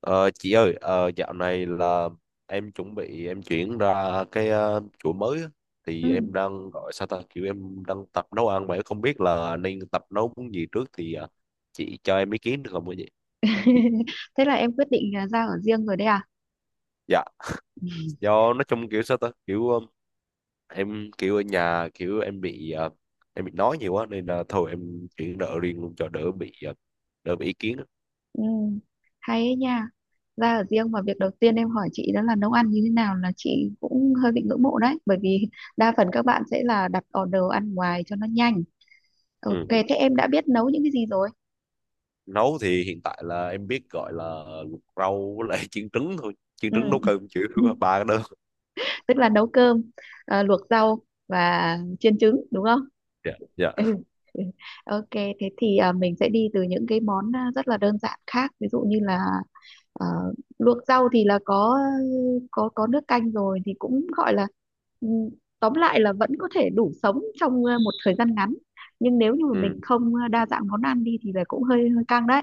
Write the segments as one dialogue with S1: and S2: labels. S1: Ờ, chị ơi, dạo này là em chuẩn bị em chuyển ra cái chỗ mới á. Thì
S2: Ừ.
S1: em đang gọi sao ta kiểu em đang tập nấu ăn vậy, không biết là nên tập nấu món gì trước thì chị cho em ý kiến được không ạ chị?
S2: Thế là em quyết định là ra ở riêng rồi đấy à?
S1: Dạ,
S2: Ừ.
S1: do nói chung kiểu sao ta kiểu em kiểu ở nhà kiểu em bị em bị nói nhiều quá nên là thôi em chuyển đỡ riêng luôn cho đỡ bị đỡ bị ý kiến á.
S2: Ừ. Hay ấy nha. Ra ở riêng mà việc đầu tiên em hỏi chị đó là nấu ăn như thế nào là chị cũng hơi bị ngưỡng mộ đấy. Bởi vì đa phần các bạn sẽ là đặt order ăn ngoài cho nó nhanh. Ok,
S1: Ừ.
S2: thế em đã biết nấu những cái gì rồi?
S1: Nấu thì hiện tại là em biết gọi là luộc rau với lại chiên trứng thôi, chiên trứng
S2: Ừ.
S1: nấu cơm chịu ba cái đó.
S2: Tức là nấu cơm, à, luộc rau và chiên trứng đúng không?
S1: Dạ, dạ,
S2: Ừ. Ừ. Ok, thế thì mình sẽ đi từ những cái món rất là đơn giản khác, ví dụ như là à, luộc rau thì là có nước canh rồi thì cũng gọi là, ừ, tóm lại là vẫn có thể đủ sống trong một thời gian ngắn. Nhưng nếu như mà mình
S1: ừ,
S2: không đa dạng món ăn đi thì là cũng hơi hơi căng đấy.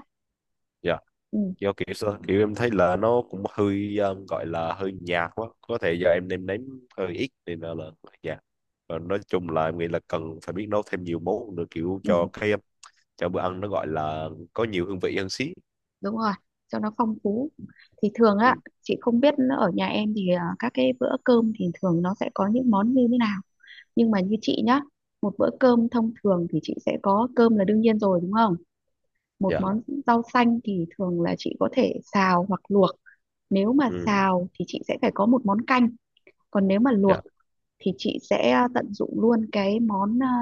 S1: dạ.
S2: Ừ,
S1: Do kiểu sao kiểu em thấy là nó cũng hơi gọi là hơi nhạt quá, có thể do em nêm nếm hơi ít nên là dạ, và nói chung là em nghĩ là cần phải biết nấu thêm nhiều món nữa, kiểu
S2: ừ,
S1: cho cái cho bữa ăn nó gọi là có nhiều hương vị hơn xí.
S2: đúng rồi, cho nó phong phú. Thì thường á,
S1: Ừ,
S2: chị không biết ở nhà em thì các cái bữa cơm thì thường nó sẽ có những món như thế nào. Nhưng mà như chị nhá, một bữa cơm thông thường thì chị sẽ có cơm là đương nhiên rồi đúng không, một
S1: dạ,
S2: món rau xanh thì thường là chị có thể xào hoặc luộc. Nếu mà
S1: ừ,
S2: xào thì chị sẽ phải có một món canh, còn nếu mà
S1: dạ,
S2: luộc thì chị sẽ tận dụng luôn cái món,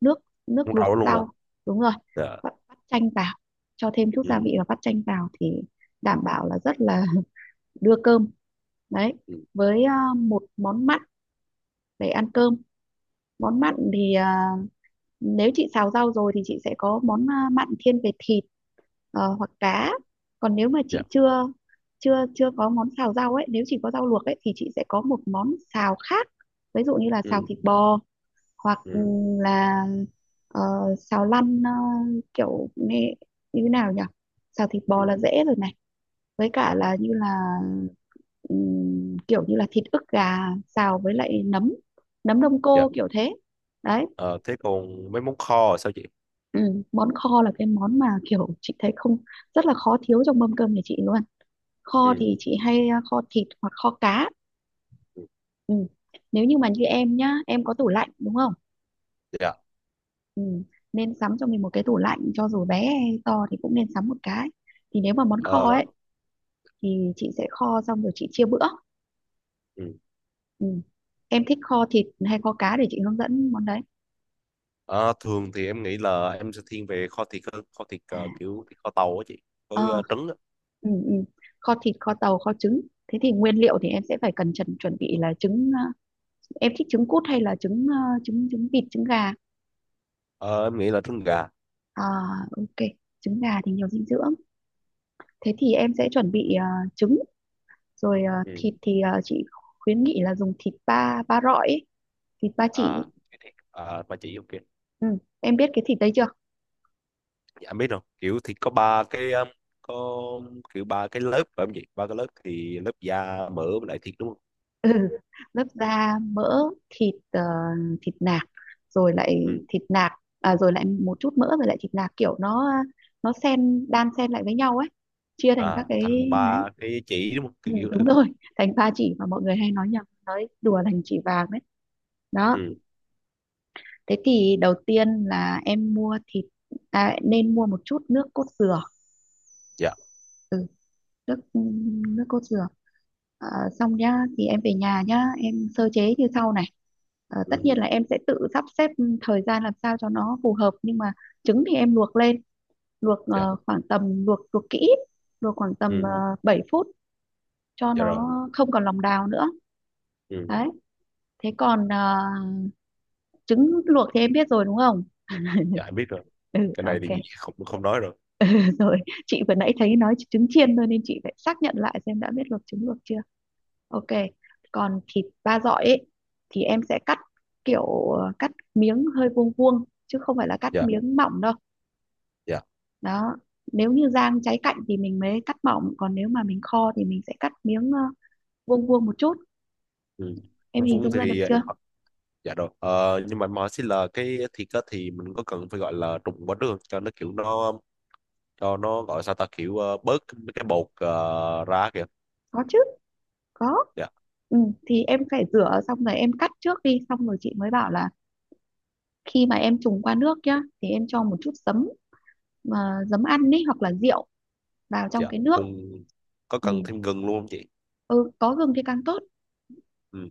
S2: nước nước
S1: muốn
S2: luộc
S1: rau luôn hả?
S2: rau. Đúng rồi,
S1: Dạ,
S2: bắt bắt chanh vào, cho thêm chút gia
S1: ừ,
S2: vị và bắt chanh vào thì
S1: ừ,
S2: đảm bảo là rất là đưa cơm. Đấy,
S1: ừ,
S2: với một món mặn để ăn cơm. Món mặn thì, nếu chị xào rau rồi thì chị sẽ có món mặn thiên về thịt, hoặc
S1: ừ,
S2: cá. Còn nếu mà chị
S1: dạ,
S2: chưa chưa chưa có món xào rau ấy, nếu chỉ có rau luộc ấy thì chị sẽ có một món xào khác, ví dụ như là xào
S1: ừ,
S2: thịt bò hoặc
S1: ừ,
S2: là ờ, xào lăn, kiểu như thế nào nhỉ. Xào thịt bò
S1: ừ,
S2: là dễ rồi này, với cả
S1: dạ,
S2: là như là kiểu như là thịt ức gà xào với lại nấm nấm đông
S1: dạ.
S2: cô kiểu thế. Đấy.
S1: Ờ, thế còn mấy món kho là sao chị?
S2: Ừ. Món kho là cái món mà kiểu chị thấy không, rất là khó thiếu trong mâm cơm nhà chị luôn. Kho
S1: Ừ,
S2: thì chị hay kho thịt hoặc kho cá.
S1: ừ,
S2: Ừ. Nếu như mà như em nhá, em có tủ lạnh đúng không.
S1: dạ,
S2: Ừ. Nên sắm cho mình một cái tủ lạnh, cho dù bé hay to thì cũng nên sắm một cái. Thì nếu mà món kho
S1: Ờ,
S2: ấy thì chị sẽ kho xong rồi chị chia bữa.
S1: ừ.
S2: Ừ. Em thích kho thịt hay kho cá để chị hướng dẫn món đấy.
S1: Ờ, thường thì em nghĩ là em sẽ thiên về kho thịt hơn, kho thịt
S2: à
S1: kiểu thịt kho tàu á chị, với
S2: ờ
S1: trứng á.
S2: ừ, ừ. Kho thịt kho tàu kho trứng. Thế thì nguyên liệu thì em sẽ phải cần chuẩn chuẩn bị là trứng. Ờ, em thích trứng cút hay là trứng, trứng vịt trứng gà.
S1: Ờ, em nghĩ là trứng gà.
S2: à ok, trứng gà thì nhiều dinh dưỡng. Thế thì em sẽ chuẩn bị trứng, rồi
S1: Ừ.
S2: thịt thì, chị khuyến nghị là dùng thịt ba ba rọi ấy, thịt ba chỉ.
S1: À, cái thịt à, mà chị ok.
S2: Ừ. Em biết cái thịt đấy chưa.
S1: Dạ, em biết rồi kiểu thịt có ba cái có kiểu ba cái lớp phải không chị, ba cái lớp thì lớp da mỡ với lại thịt đúng không?
S2: Ừ, lớp da mỡ, thịt ờ, thịt nạc, rồi lại
S1: Ừ.
S2: thịt nạc, rồi lại một chút mỡ, rồi lại thịt nạc, kiểu nó xen, đan xen lại với nhau ấy, chia thành các
S1: À,
S2: cái
S1: thành
S2: đấy.
S1: ba cái chỉ đúng không,
S2: Ừ,
S1: kiểu kiểu vậy
S2: đúng
S1: đó.
S2: rồi. Thành ba chỉ mà mọi người hay nói nhầm nói đùa thành chỉ vàng đấy. Đó,
S1: Ừ,
S2: thế thì đầu tiên là em mua thịt, nên mua một chút nước cốt dừa.
S1: dạ,
S2: Ừ, nước nước cốt dừa. Ờ, Xong nhá, thì em về nhà nhá, em sơ chế như sau này. Ờ, tất
S1: ừ,
S2: nhiên là em sẽ tự sắp xếp thời gian làm sao cho nó phù hợp, nhưng mà trứng thì em luộc lên, luộc,
S1: dạ,
S2: khoảng tầm, luộc luộc kỹ, luộc khoảng tầm
S1: ừ,
S2: 7 phút cho
S1: dạ
S2: nó
S1: rồi,
S2: không còn lòng đào nữa.
S1: ừ,
S2: Đấy. Thế còn trứng luộc thì em biết rồi đúng không.
S1: dạ, em biết rồi,
S2: Ừ,
S1: cái này
S2: ok.
S1: thì không không nói rồi,
S2: Rồi, chị vừa nãy thấy nói trứng chiên thôi nên chị phải xác nhận lại xem đã biết luộc trứng luộc chưa. Ok, còn thịt ba dọi ấy thì em sẽ cắt kiểu, cắt miếng hơi vuông vuông chứ không phải là cắt
S1: dạ,
S2: miếng mỏng đâu.
S1: dạ,
S2: Đó, nếu như rang cháy cạnh thì mình mới cắt mỏng, còn nếu mà mình kho thì mình sẽ cắt miếng vuông vuông một chút.
S1: ừ.
S2: Em
S1: Cũng
S2: hình
S1: Vung
S2: dung ra được
S1: thì,
S2: chưa?
S1: dạ rồi. Ờ, nhưng mà MySQL cái thịt á, thì mình có cần phải gọi là trùng quá đường cho nó kiểu nó, cho nó gọi sao ta kiểu bớt mấy cái bột ra kìa?
S2: Có chứ, có.
S1: Dạ,
S2: Ừ, thì em phải rửa xong rồi em cắt trước đi, xong rồi chị mới bảo là khi mà em trùng qua nước nhá thì em cho một chút ờ, giấm ăn ấy, hoặc là rượu vào trong
S1: dạ.
S2: cái nước.
S1: Cùng, có cần
S2: Ừ,
S1: thêm gừng luôn không chị?
S2: ừ có gừng thì càng tốt.
S1: Ừ.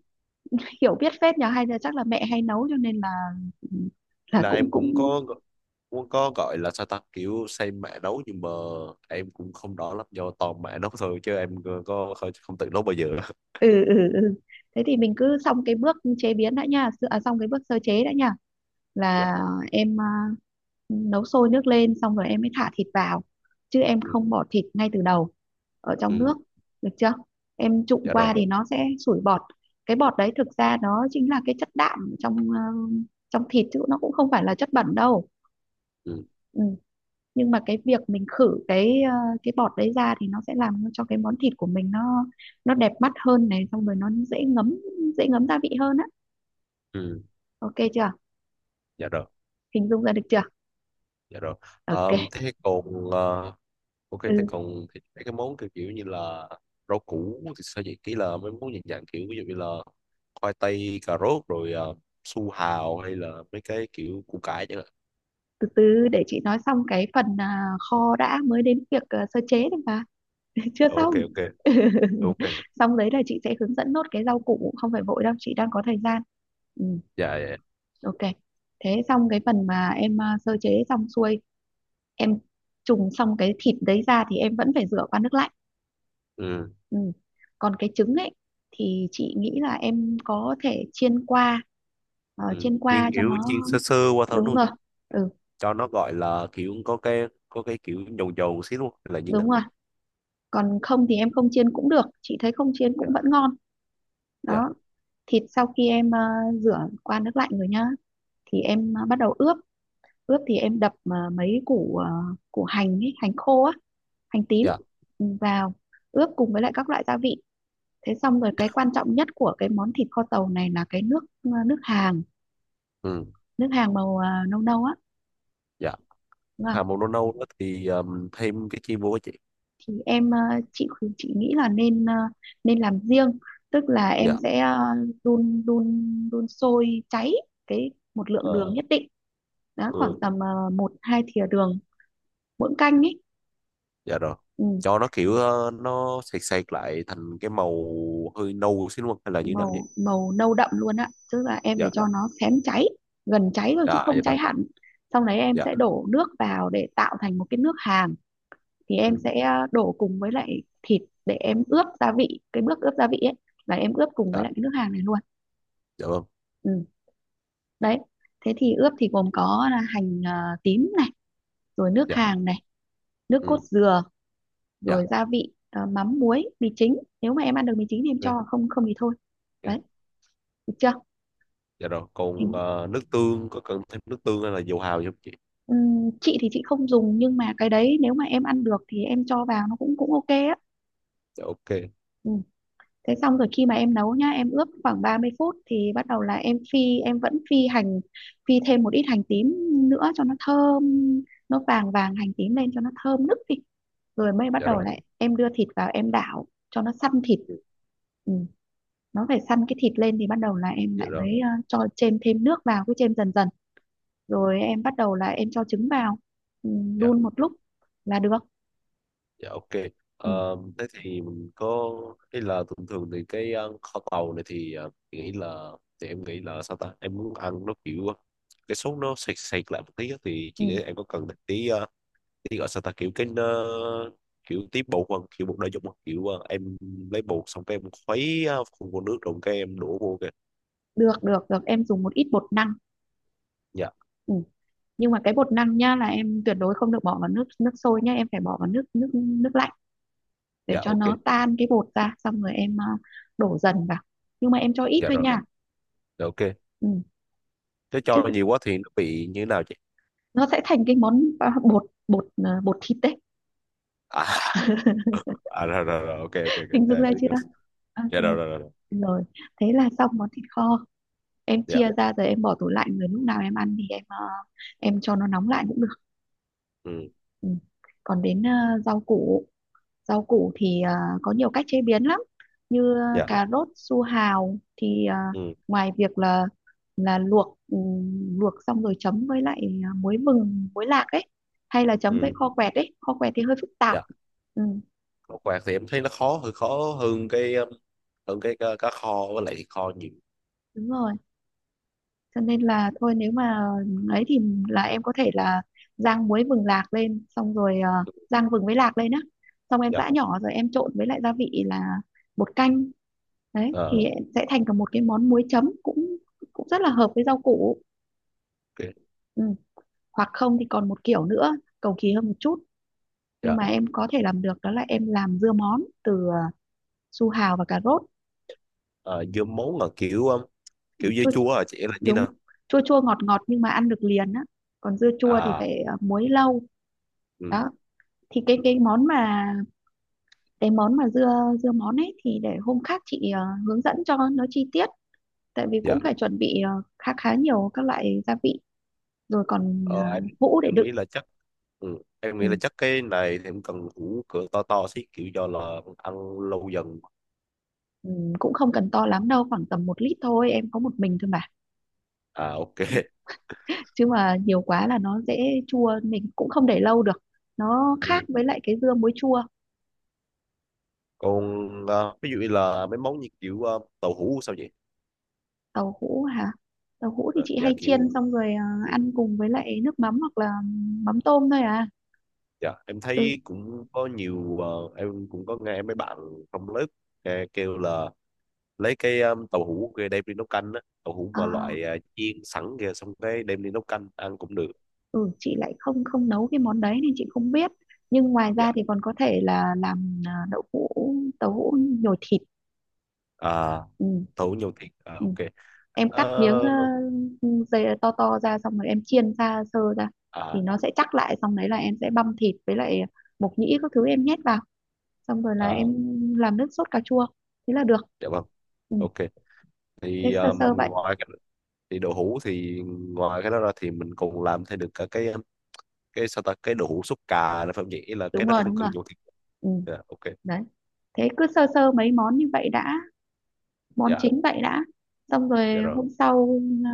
S2: Hiểu biết phết nhờ, hay là chắc là mẹ hay nấu cho nên là
S1: Ý
S2: là
S1: là
S2: cũng
S1: em cũng
S2: cũng
S1: có, cũng có gọi là sao ta kiểu xây mã nấu nhưng mà em cũng không rõ lắm do toàn mã nấu thôi chứ em có không tự nấu bao giờ.
S2: Ừ, ừ, ừ. Thế thì mình cứ xong cái bước chế biến đã nha, xong cái bước sơ chế đã nha,
S1: Dạ.
S2: là em, nấu sôi nước lên xong rồi em mới thả thịt vào, chứ em
S1: Ừ.
S2: không bỏ thịt ngay từ đầu ở trong
S1: Ừ.
S2: nước. Được chưa. Em trụng
S1: Dạ
S2: qua
S1: rồi.
S2: dạ thì nó sẽ sủi bọt. Cái bọt đấy thực ra nó chính là cái chất đạm trong thịt, chứ nó cũng không phải là chất bẩn đâu.
S1: Ừ.
S2: Ừ. Nhưng mà cái việc mình khử cái bọt đấy ra thì nó sẽ làm cho cái món thịt của mình nó đẹp mắt hơn này, xong rồi nó dễ ngấm gia vị hơn á.
S1: Ừ.
S2: Ok chưa,
S1: Dạ rồi.
S2: hình dung ra được chưa.
S1: Dạ rồi. Ờ,
S2: Ok.
S1: thế còn ok, thế
S2: Ừ,
S1: còn thì mấy cái món kiểu kiểu như là rau củ thì sao vậy, kỹ là mấy món dạng dạng kiểu ví dụ như là khoai tây, cà rốt rồi su hào hay là mấy cái kiểu củ cải chẳng hạn.
S2: từ từ để chị nói xong cái phần kho đã mới đến việc sơ chế được mà. Chưa
S1: Ờ,
S2: xong.
S1: ok ok ok,
S2: Xong đấy là chị sẽ hướng dẫn nốt cái rau củ, không phải vội đâu, chị đang có thời gian. Ừ.
S1: dạ dạ dạ.
S2: Ok. Thế xong cái phần mà em, sơ chế xong xuôi, em trùng xong cái thịt đấy ra thì em vẫn phải rửa qua nước lạnh.
S1: Ừ,
S2: Ừ. Còn cái trứng ấy thì chị nghĩ là em có thể chiên qua ờ,
S1: ừ.
S2: chiên
S1: Chiên
S2: qua cho
S1: kiểu chiên
S2: nó,
S1: sơ sơ qua thôi
S2: đúng
S1: luôn,
S2: rồi. Ừ
S1: cho nó gọi là kiểu có cái kiểu dầu dầu xíu luôn hay là như nào?
S2: đúng rồi, còn không thì em không chiên cũng được, chị thấy không chiên
S1: Dạ
S2: cũng vẫn ngon.
S1: dạ
S2: Đó. Thịt sau khi em, rửa qua nước lạnh rồi nhá, thì em, bắt đầu ướp. Ướp thì em đập, mấy củ, củ hành ấy, hành khô á, hành tím
S1: dạ,
S2: vào, ướp cùng với lại các loại gia vị. Thế xong rồi, cái quan trọng nhất của cái món thịt kho tàu này là cái nước hàng
S1: ừ,
S2: nước hàng màu nâu nâu á,
S1: dạ.
S2: đúng không?
S1: Hà màu nâu nâu đó thì thêm cái chiên vô á chị?
S2: Thì em, chị nghĩ là nên, nên làm riêng. Tức là em
S1: Dạ,
S2: sẽ, đun đun đun sôi cháy cái, một lượng
S1: ờ,
S2: đường nhất định. Đó, khoảng
S1: ừ,
S2: tầm một hai thìa đường mỗi canh ấy.
S1: dạ rồi,
S2: Ừ.
S1: cho nó kiểu nó sệt sệt lại thành cái màu hơi nâu xíu đúng không hay là như thế nào vậy?
S2: màu màu nâu đậm luôn ạ, tức là em phải
S1: Dạ,
S2: cho nó xém cháy, gần cháy thôi chứ
S1: dạ,
S2: không
S1: dạ rồi,
S2: cháy hẳn. Xong đấy em
S1: dạ,
S2: sẽ đổ nước vào để tạo thành một cái nước hàm. Thì em
S1: ừ.
S2: sẽ, đổ cùng với lại thịt để em ướp gia vị, cái bước ướp gia vị ấy là em ướp cùng với
S1: Dạ,
S2: lại cái nước hàm này luôn.
S1: dạ vâng,
S2: Ừ. Đấy. Thế thì ướp thì gồm có là hành, tím này, rồi nước
S1: dạ,
S2: hàng này, nước cốt
S1: ừ.
S2: dừa,
S1: Dạ
S2: rồi gia vị, mắm muối mì chính, nếu mà em ăn được mì chính thì em
S1: ok,
S2: cho, không không thì thôi.
S1: ok.
S2: Đấy, được chưa,
S1: Dạ rồi còn
S2: hình
S1: nước tương, có cần thêm nước tương hay là dầu hào gì không chị?
S2: Chị thì chị không dùng, nhưng mà cái đấy nếu mà em ăn được thì em cho vào nó cũng cũng ok á.
S1: Dạ ok,
S2: Ừ. Thế xong rồi, khi mà em nấu nhá, em ướp khoảng 30 phút thì bắt đầu là em phi em vẫn phi hành, phi thêm một ít hành tím nữa cho nó thơm, nó vàng vàng hành tím lên cho nó thơm nức đi, rồi mới bắt
S1: dạ
S2: đầu
S1: rồi.
S2: lại em đưa thịt vào em đảo cho nó săn thịt.
S1: Ừ,
S2: Ừ. Nó phải săn cái thịt lên thì bắt đầu là em
S1: dạ
S2: lại
S1: rồi,
S2: mới, cho chêm thêm nước vào, cứ chêm dần dần, rồi em bắt đầu là em cho trứng vào, ừ,
S1: dạ.
S2: đun một lúc là được.
S1: Dạ ok.
S2: Ừ,
S1: Thế thì mình có, hay là thường thường thì cái kho tàu này thì mình nghĩ là, thì em nghĩ là sao ta, em muốn ăn nó kiểu cái sốt nó sệt sệt lại một tí á, thì
S2: ừ,
S1: chị nghĩ em có cần một tí tí gọi sao ta kiểu cái kiểu tí bột hoặc kiểu bột đa dụng hoặc kiểu em lấy bột xong cái em khuấy khuôn vô nước rồi cái em đổ vô kìa?
S2: được, được, được, em dùng một ít bột năng.
S1: Dạ,
S2: Ừ. Nhưng mà cái bột năng nhá, là em tuyệt đối không được bỏ vào nước nước sôi nhá, em phải bỏ vào nước nước nước lạnh, để
S1: dạ
S2: cho
S1: ok,
S2: nó tan cái bột ra, xong rồi em, đổ dần vào. Nhưng mà em cho ít
S1: dạ
S2: thôi
S1: rồi,
S2: nha.
S1: dạ, ok.
S2: Ừ.
S1: Thế
S2: chứ
S1: cho
S2: đ-
S1: nhiều quá thì nó bị như thế nào chị?
S2: nó sẽ thành cái món, bột bột à, bột thịt đấy.
S1: À, à rồi, rồi rồi, ok ok ok.
S2: Hình
S1: Dạ,
S2: dung
S1: em
S2: ra
S1: biết rồi.
S2: chưa. Ok.
S1: Dạ rồi, rồi rồi rồi.
S2: Rồi, thế là xong món thịt kho, em
S1: Dạ,
S2: chia ra rồi em bỏ tủ lạnh, rồi lúc nào em ăn thì em cho nó nóng lại cũng được.
S1: ừ,
S2: Ừ. Còn đến, Rau củ thì, có nhiều cách chế biến lắm. Như,
S1: dạ,
S2: cà rốt su hào thì,
S1: ừ,
S2: ngoài việc là luộc xong rồi chấm với lại, muối vừng muối lạc ấy, hay là chấm với
S1: ừ,
S2: kho quẹt ấy, kho quẹt thì hơi phức tạp.
S1: dạ.
S2: Ừ,
S1: Khảo quạt thì em thấy nó khó, hơi khó hơn cái hơn cái cá kho với lại thịt kho nhiều.
S2: đúng rồi, cho nên là thôi nếu mà ấy thì, là em có thể là rang muối vừng lạc lên, xong rồi, rang vừng với lạc lên á, xong em
S1: Dạ,
S2: giã nhỏ rồi em trộn với lại gia vị là bột canh. Đấy thì
S1: ờ,
S2: sẽ thành cả một cái món muối chấm cũng cũng rất là hợp với rau củ.
S1: ok,
S2: Ừ. Hoặc không thì còn một kiểu nữa cầu kỳ hơn một chút, nhưng
S1: dạ.
S2: mà em có thể làm được, đó là em làm dưa món từ, su hào và cà rốt.
S1: Ờ, dưa muống là kiểu kiểu dưa
S2: Chua,
S1: chua à chị, là như
S2: đúng,
S1: nào?
S2: chua chua ngọt ngọt, nhưng mà ăn được liền á, còn dưa chua thì
S1: À,
S2: phải, muối lâu.
S1: ừ,
S2: Đó, thì cái món mà cái món mà dưa dưa món ấy, thì để hôm khác chị, hướng dẫn cho nó chi tiết, tại vì cũng
S1: dạ.
S2: phải chuẩn bị, khá khá nhiều các loại gia vị, rồi còn,
S1: ờ, em
S2: hũ để
S1: em
S2: đựng.
S1: nghĩ là chắc, ừ, em
S2: Ừ,
S1: nghĩ là chắc cái này thì em cần củ cửa to to xí kiểu do là ăn lâu dần.
S2: ừ, cũng không cần to lắm đâu, khoảng tầm 1 lít thôi, em có một mình thôi mà,
S1: À, ok,
S2: chứ mà nhiều quá là nó dễ chua, mình cũng không để lâu được, nó khác
S1: ừ.
S2: với lại cái dưa muối chua.
S1: Còn ví dụ như là mấy món như kiểu tàu hũ sao vậy?
S2: Tàu hũ hả? Tàu hũ thì
S1: Ờ,
S2: chị
S1: dạ
S2: hay
S1: kiểu,
S2: chiên, xong rồi,
S1: ừ.
S2: ăn cùng với lại nước mắm, hoặc là mắm tôm thôi à.
S1: Dạ, em
S2: Ừ.
S1: thấy cũng có nhiều em cũng có nghe mấy bạn trong lớp kêu là lấy cái tàu hũ kia đem đi nấu canh á, tàu hũ
S2: ờ
S1: mà loại chiên sẵn kia xong cái đem đi nấu canh ăn cũng được.
S2: ừ, chị lại không không nấu cái món đấy nên chị không biết. Nhưng ngoài ra
S1: Dạ.
S2: thì còn có thể là làm, đậu hũ tàu hũ nhồi thịt.
S1: À,
S2: Ừ.
S1: tàu hũ nhiều thịt. À,
S2: Ừ.
S1: ok.
S2: Em cắt miếng
S1: Ờ,
S2: dây to to ra, xong rồi em chiên ra sơ ra thì
S1: à
S2: nó sẽ chắc lại, xong đấy là em sẽ băm thịt với lại mộc nhĩ các thứ em nhét vào, xong rồi là
S1: à,
S2: em làm nước sốt cà chua, thế là được.
S1: dạ vâng.
S2: Ừ.
S1: Ok.
S2: Thế
S1: Thì
S2: sơ sơ vậy.
S1: ngoài cái, thì đậu hũ thì ngoài cái đó ra thì mình còn làm thêm được cả cái sao ta cái đậu hũ súp cà là phải không nhỉ? Ý là cái
S2: Đúng
S1: nó
S2: rồi,
S1: không
S2: đúng rồi.
S1: cần nhiều thịt.
S2: Ừ.
S1: Dạ, ok.
S2: Đấy, thế cứ sơ sơ mấy món như vậy đã, món
S1: Dạ,
S2: chính vậy đã. Xong rồi
S1: dạ rồi.
S2: hôm sau, à,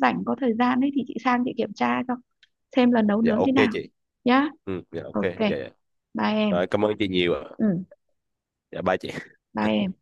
S2: rảnh có thời gian ấy thì chị sang chị kiểm tra cho, xem lần nấu
S1: Dạ
S2: nướng thế
S1: ok
S2: nào
S1: chị.
S2: nhá.
S1: Ừ, dạ ok,
S2: Ok,
S1: dạ dạ
S2: bye em.
S1: rồi, cảm ơn chị nhiều ạ,
S2: Ừ,
S1: dạ bye chị.
S2: bye em.